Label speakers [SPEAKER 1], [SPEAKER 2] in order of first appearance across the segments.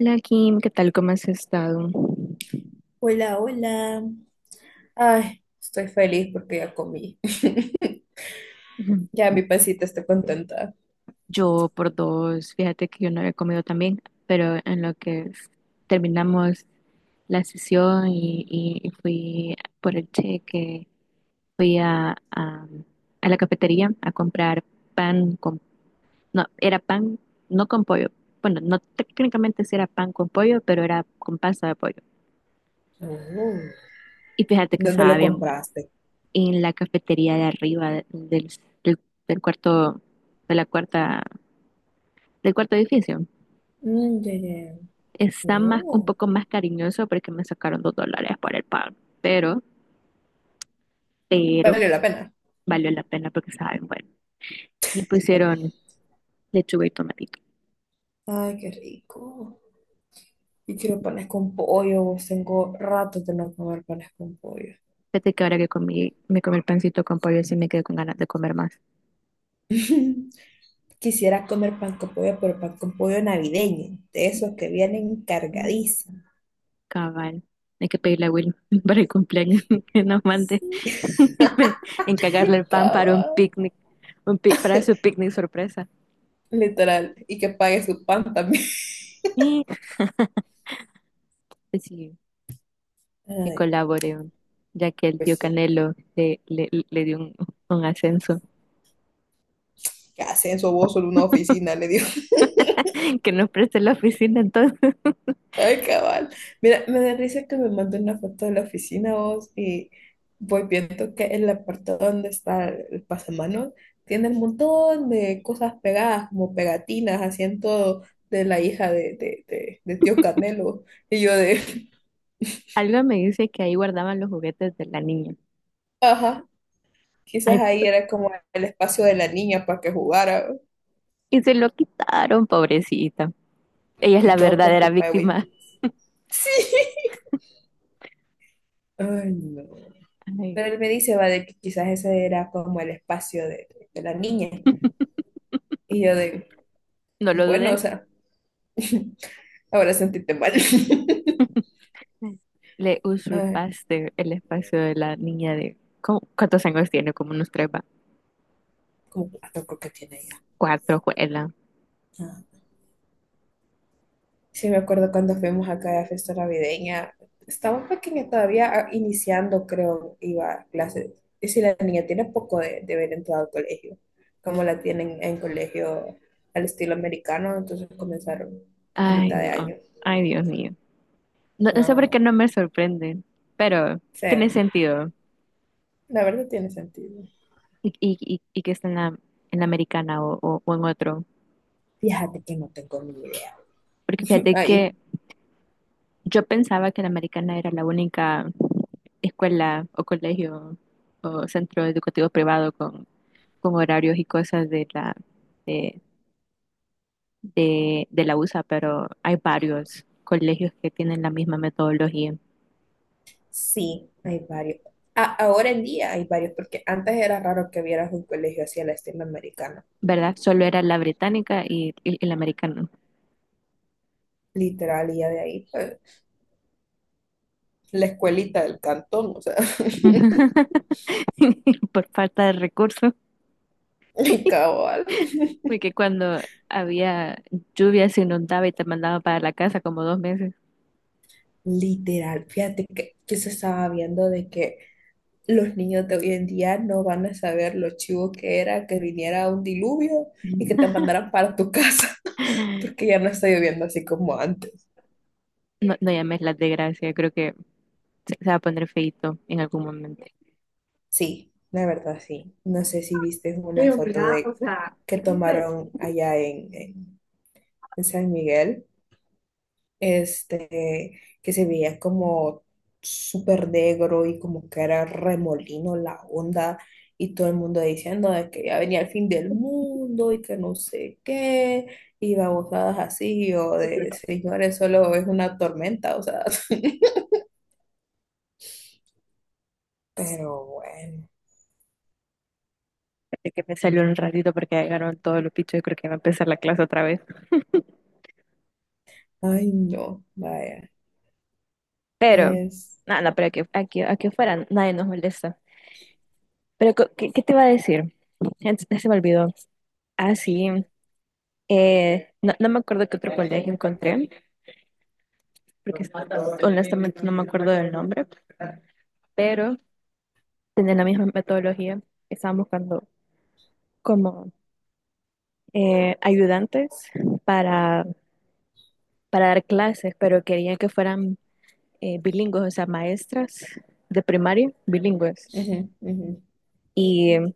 [SPEAKER 1] Hola Kim, ¿qué tal? ¿Cómo has estado?
[SPEAKER 2] Hola, hola. Ay, estoy feliz porque ya comí.
[SPEAKER 1] Ujú.
[SPEAKER 2] Ya mi pancita está contenta.
[SPEAKER 1] Yo por dos, fíjate que yo no había comido también, pero en lo que es- terminamos la sesión y fui por el cheque, fui a la cafetería a comprar pan con, no, era pan no con pollo, bueno, no técnicamente sí era pan con pollo, pero era con pasta de pollo.
[SPEAKER 2] Oh.
[SPEAKER 1] Y fíjate que
[SPEAKER 2] ¿Dónde
[SPEAKER 1] estaba
[SPEAKER 2] lo
[SPEAKER 1] bien bueno.
[SPEAKER 2] compraste?
[SPEAKER 1] Y en la cafetería de arriba del, del cuarto, de la cuarta del cuarto edificio.
[SPEAKER 2] Mm, ya, ya, ya.
[SPEAKER 1] Está más, un
[SPEAKER 2] Oh,
[SPEAKER 1] poco más cariñoso porque me sacaron $2 por el pan, pero
[SPEAKER 2] valió la pena.
[SPEAKER 1] valió la pena porque estaba bien bueno. Y pusieron lechuga y tomatito.
[SPEAKER 2] Ay, qué rico. Yo quiero panes con pollo. Tengo rato de no comer panes con pollo.
[SPEAKER 1] Fíjate que ahora que comí, me comí el pancito con pollo, sí me quedé con ganas de comer más.
[SPEAKER 2] Quisiera comer pan con pollo, pero pan con pollo navideño, de esos que vienen
[SPEAKER 1] Mm,
[SPEAKER 2] cargadísimos.
[SPEAKER 1] cabal. Hay que pedirle a Will para el cumpleaños que nos mande encargarle el pan para un
[SPEAKER 2] Cava,
[SPEAKER 1] picnic, para su picnic sorpresa.
[SPEAKER 2] literal. Y que pague su pan también.
[SPEAKER 1] Y, pues sí, que
[SPEAKER 2] Ay,
[SPEAKER 1] colaboren, ya que el tío
[SPEAKER 2] pues sí.
[SPEAKER 1] Canelo le dio un ascenso.
[SPEAKER 2] ¿Qué hacen su voz solo una oficina? Le digo.
[SPEAKER 1] Que nos preste la oficina. Entonces,
[SPEAKER 2] Ay, cabal. Mira, me da risa que me mande una foto de la oficina vos y voy viendo que en la parte donde está el pasamanos tiene un montón de cosas pegadas, como pegatinas, así en todo, de la hija de tío Canelo. Y yo de,
[SPEAKER 1] algo me dice que ahí guardaban los juguetes de la niña.
[SPEAKER 2] ajá,
[SPEAKER 1] Ay,
[SPEAKER 2] quizás ahí
[SPEAKER 1] p-
[SPEAKER 2] era como el espacio de la niña para que jugara.
[SPEAKER 1] y se lo quitaron, pobrecita. Ella es
[SPEAKER 2] Y
[SPEAKER 1] la
[SPEAKER 2] todo por
[SPEAKER 1] verdadera
[SPEAKER 2] culpa de
[SPEAKER 1] víctima.
[SPEAKER 2] Win. Sí. Ay, no.
[SPEAKER 1] Ay,
[SPEAKER 2] Pero él me dice, va, de que quizás ese era como el espacio de la niña. Y yo de,
[SPEAKER 1] no lo
[SPEAKER 2] bueno, o
[SPEAKER 1] dudes.
[SPEAKER 2] sea, ahora sentíte mal.
[SPEAKER 1] Le
[SPEAKER 2] Ah,
[SPEAKER 1] usurpaste el espacio de la niña ¿cuántos años tiene? Como unos tres, va.
[SPEAKER 2] como cuatro creo que tiene ya.
[SPEAKER 1] 4, juela.
[SPEAKER 2] Ah. Sí, me acuerdo cuando fuimos acá a la fiesta navideña. Estaba pequeña todavía, ah, iniciando, creo, iba a clases. Y si la niña tiene poco de haber entrado al colegio, como la tienen en colegio al estilo americano, entonces comenzaron a
[SPEAKER 1] Ay,
[SPEAKER 2] mitad de
[SPEAKER 1] no.
[SPEAKER 2] año.
[SPEAKER 1] Ay, Dios mío. No, no sé
[SPEAKER 2] Ah,
[SPEAKER 1] por qué no me sorprende, pero
[SPEAKER 2] sí.
[SPEAKER 1] tiene sentido.
[SPEAKER 2] La verdad tiene sentido.
[SPEAKER 1] Y que está en la americana o o en otro.
[SPEAKER 2] Fíjate que no tengo ni idea.
[SPEAKER 1] Porque fíjate
[SPEAKER 2] Ahí,
[SPEAKER 1] que yo pensaba que la americana era la única escuela o colegio o centro educativo privado con horarios y cosas de, de la USA, pero hay varios colegios que tienen la misma metodología,
[SPEAKER 2] sí, hay varios. Ahora en día hay varios, porque antes era raro que vieras un colegio así a la estilo americana.
[SPEAKER 1] ¿verdad? Solo era la británica y la americana.
[SPEAKER 2] Literal, y ya de ahí, pues, la escuelita del cantón, o sea,
[SPEAKER 1] Por falta de recursos.
[SPEAKER 2] cabal.
[SPEAKER 1] Porque cuando había lluvia se inundaba y te mandaba para la casa como 2 meses.
[SPEAKER 2] Literal, fíjate que se estaba viendo de que los niños de hoy en día no van a saber lo chivo que era que viniera un diluvio y que te mandaran para tu casa, porque ya no está lloviendo así como antes.
[SPEAKER 1] No, no llames la desgracia, creo que se va a poner feito en algún momento.
[SPEAKER 2] Sí, la verdad sí. No sé si viste una
[SPEAKER 1] Pero
[SPEAKER 2] foto
[SPEAKER 1] mira, o
[SPEAKER 2] de
[SPEAKER 1] sea,
[SPEAKER 2] que
[SPEAKER 1] es un berrinche.
[SPEAKER 2] tomaron allá en San Miguel, que se veía como súper negro y como que era remolino la onda y todo el mundo diciendo de que ya venía el fin del mundo y que no sé qué y babosadas así o de señores, solo es una tormenta, o sea, pero bueno,
[SPEAKER 1] Así que me salió un ratito porque ya llegaron todos los pichos y creo que va a empezar la clase otra vez.
[SPEAKER 2] ay no, vaya,
[SPEAKER 1] Pero,
[SPEAKER 2] es...
[SPEAKER 1] nada, no, no, pero aquí afuera nadie nos molesta. Pero, ¿qué, qué te iba a decir? Ya se me olvidó. Ah, sí. No, no me acuerdo qué otro colegio encontré, porque honestamente no me acuerdo del nombre. Pero tienen la misma metodología. Estaban buscando como ayudantes para, para dar clases, pero querían que fueran bilingües, o sea, maestras de primaria bilingües.
[SPEAKER 2] Ujú, ujú.
[SPEAKER 1] Y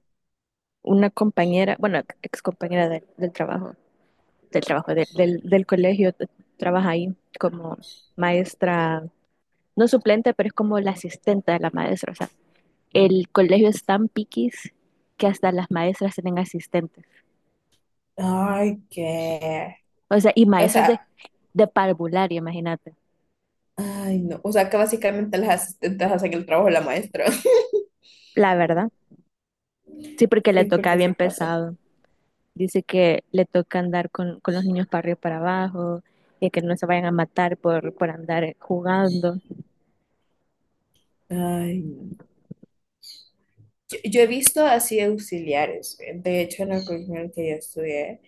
[SPEAKER 1] una compañera, bueno, ex compañera del trabajo, del colegio, trabaja ahí como maestra, no suplente, pero es como la asistente de la maestra. O sea, el colegio es tan piquis que hasta las maestras tienen asistentes.
[SPEAKER 2] Ay, qué.
[SPEAKER 1] O sea, y
[SPEAKER 2] O
[SPEAKER 1] maestras
[SPEAKER 2] sea,
[SPEAKER 1] de parvularia, imagínate.
[SPEAKER 2] ay, no. O sea, que básicamente las asistentes hacen el trabajo de la maestra.
[SPEAKER 1] La verdad. Sí, porque le
[SPEAKER 2] Sí,
[SPEAKER 1] toca
[SPEAKER 2] porque sí
[SPEAKER 1] bien
[SPEAKER 2] pasa.
[SPEAKER 1] pesado. Dice que le toca andar con los niños para arriba y para abajo y que no se vayan a matar por andar jugando.
[SPEAKER 2] Ay, no. Yo he visto así auxiliares. De hecho, en la colegio en el que yo estudié,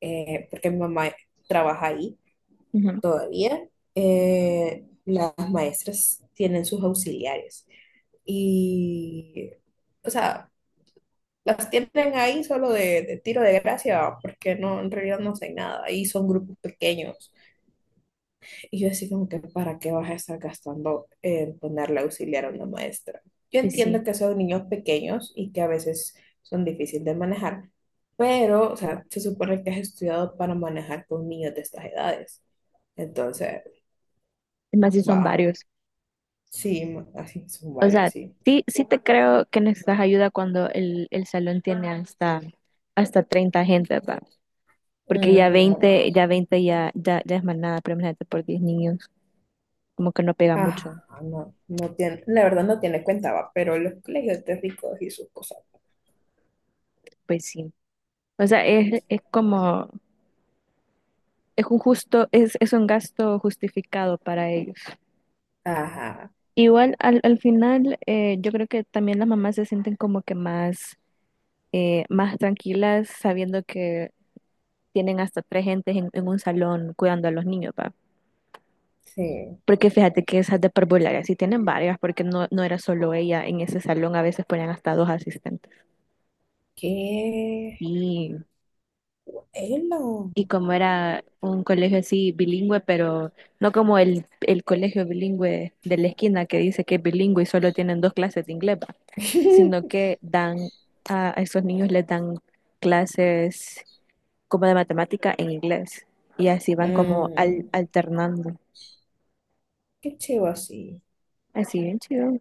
[SPEAKER 2] porque mi mamá trabaja ahí
[SPEAKER 1] Ujú.
[SPEAKER 2] todavía, las maestras tienen sus auxiliares. Y, o sea, las tienen ahí solo de tiro de gracia, porque no, en realidad no hacen nada. Ahí son grupos pequeños. Y yo así como que, ¿para qué vas a estar gastando en ponerle auxiliar a una maestra? Yo
[SPEAKER 1] Pues sí,
[SPEAKER 2] entiendo que son niños pequeños y que a veces son difíciles de manejar, pero, o sea, se supone que has estudiado para manejar con niños de estas edades. Entonces,
[SPEAKER 1] es más si son
[SPEAKER 2] wow,
[SPEAKER 1] varios.
[SPEAKER 2] sí, así son
[SPEAKER 1] O
[SPEAKER 2] varias,
[SPEAKER 1] sea,
[SPEAKER 2] sí.
[SPEAKER 1] sí, sí te creo que necesitas ayuda cuando el salón tiene hasta 30 gente, ¿verdad? Porque
[SPEAKER 2] Ujú.
[SPEAKER 1] ya es más nada, pero imagínate por 10 niños, como que no pega
[SPEAKER 2] Ah,
[SPEAKER 1] mucho.
[SPEAKER 2] no, no tiene, la verdad no tiene cuenta, va, pero los colegios de ricos y sus cosas.
[SPEAKER 1] Pues sí. O sea, es como es, un justo, es un gasto justificado para ellos.
[SPEAKER 2] Ajá,
[SPEAKER 1] Igual al final yo creo que también las mamás se sienten como que más tranquilas sabiendo que tienen hasta 3 gentes en un salón cuidando a los niños, ¿va?
[SPEAKER 2] sí.
[SPEAKER 1] Porque fíjate que esas de parvularia sí tienen varias, porque no era solo ella en ese salón, a veces ponían hasta 2 asistentes.
[SPEAKER 2] Qué
[SPEAKER 1] Y
[SPEAKER 2] bueno.
[SPEAKER 1] Y como era un colegio así bilingüe, pero no como el colegio bilingüe de la esquina que dice que es bilingüe y solo tienen 2 clases de inglés, va, sino que dan a esos niños les dan clases como de matemática en inglés y así van como
[SPEAKER 2] Mm.
[SPEAKER 1] alternando.
[SPEAKER 2] Qué chivo así.
[SPEAKER 1] Así bien chido.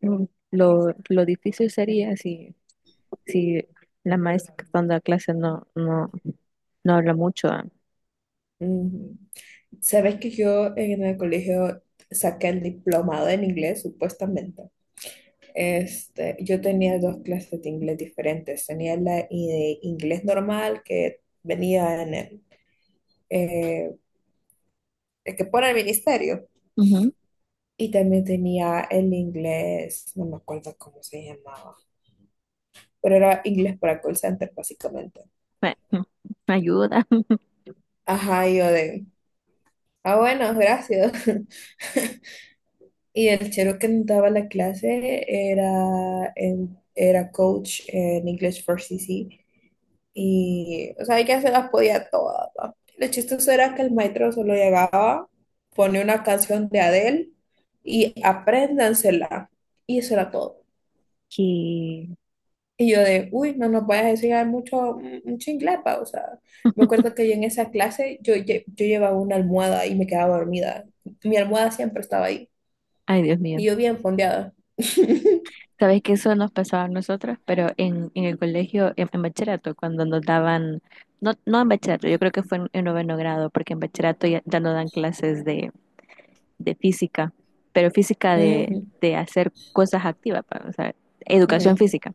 [SPEAKER 1] Mm, lo difícil sería si la maestra que está dando la clase no habla mucho. Ah.
[SPEAKER 2] Ujú. Sabes que yo en el colegio saqué el diplomado en inglés, supuestamente. Este, yo tenía dos clases de inglés diferentes. Tenía de inglés normal que venía en eh, el que pone el ministerio.
[SPEAKER 1] Ujú.
[SPEAKER 2] Y también tenía el inglés, no me acuerdo cómo se llamaba, pero era inglés para call center, básicamente.
[SPEAKER 1] Me- me ayuda.
[SPEAKER 2] Ajá, y yo de, ah, bueno, gracias. Y el chero que nos daba la clase era, era coach en English for CC. Y, o sea, ella se las podía todas. ¿Va? Lo chistoso era que el maestro solo llegaba, pone una canción de Adele y apréndansela. Y eso era todo.
[SPEAKER 1] Y
[SPEAKER 2] Y yo de, uy, no nos vayas a enseñar mucho, mucho inglés, pa", o sea, me acuerdo que yo en esa clase, yo, yo llevaba una almohada y me quedaba dormida. Mi almohada siempre estaba ahí.
[SPEAKER 1] ay, Dios mío.
[SPEAKER 2] Y yo bien fondeada.
[SPEAKER 1] Sabes que eso nos pasaba a nosotras, pero en el colegio, en bachillerato, cuando nos daban, no en bachillerato, yo creo que fue en noveno grado, porque en bachillerato ya no dan clases de física, pero física
[SPEAKER 2] Ujú,
[SPEAKER 1] de hacer cosas activas, pa, o sea, educación
[SPEAKER 2] ujú,
[SPEAKER 1] física.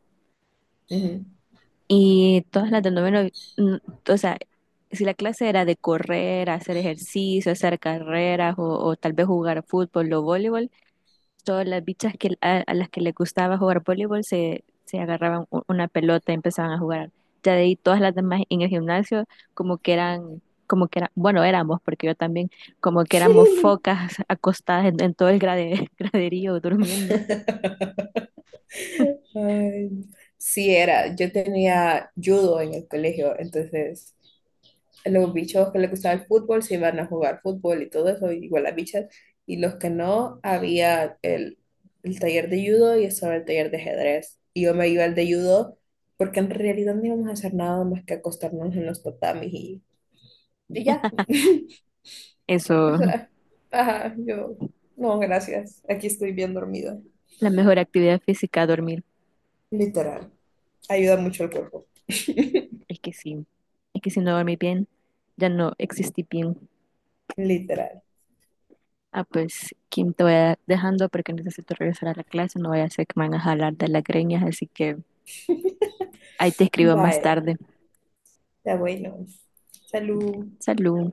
[SPEAKER 2] ujú.
[SPEAKER 1] Y todas las del noveno, mm, o sea, si la clase era de correr, hacer ejercicio, hacer carreras o tal vez jugar fútbol o voleibol, todas las bichas a las que les gustaba jugar voleibol se agarraban una pelota y empezaban a jugar. Ya de ahí todas las demás en el gimnasio como que eran, como que eran, bueno, éramos, porque yo también, como que éramos focas acostadas en todo el graderío durmiendo.
[SPEAKER 2] Ay, sí, era. Yo tenía judo en el colegio, entonces los bichos que les gustaba el fútbol se iban a jugar fútbol y todo eso, igual las bichas. Y los que no, había el taller de judo y estaba el taller de ajedrez. Y yo me iba al de judo porque en realidad no íbamos a hacer nada más que acostarnos en los tatamis y ya.
[SPEAKER 1] Eso,
[SPEAKER 2] Ajá, yo, no, gracias. Aquí estoy bien dormida.
[SPEAKER 1] la mejor actividad física, dormir.
[SPEAKER 2] Literal. Ayuda mucho al cuerpo.
[SPEAKER 1] Es que sí, es que si no dormí bien, ya no existí bien.
[SPEAKER 2] Literal.
[SPEAKER 1] Ah, pues, Kim, te voy dejando porque necesito regresar a la clase, no voy a hacer que me van a jalar de las greñas, así que. Ahí te escribo más
[SPEAKER 2] Vaya,
[SPEAKER 1] tarde.
[SPEAKER 2] está bueno. Salud.
[SPEAKER 1] Salud.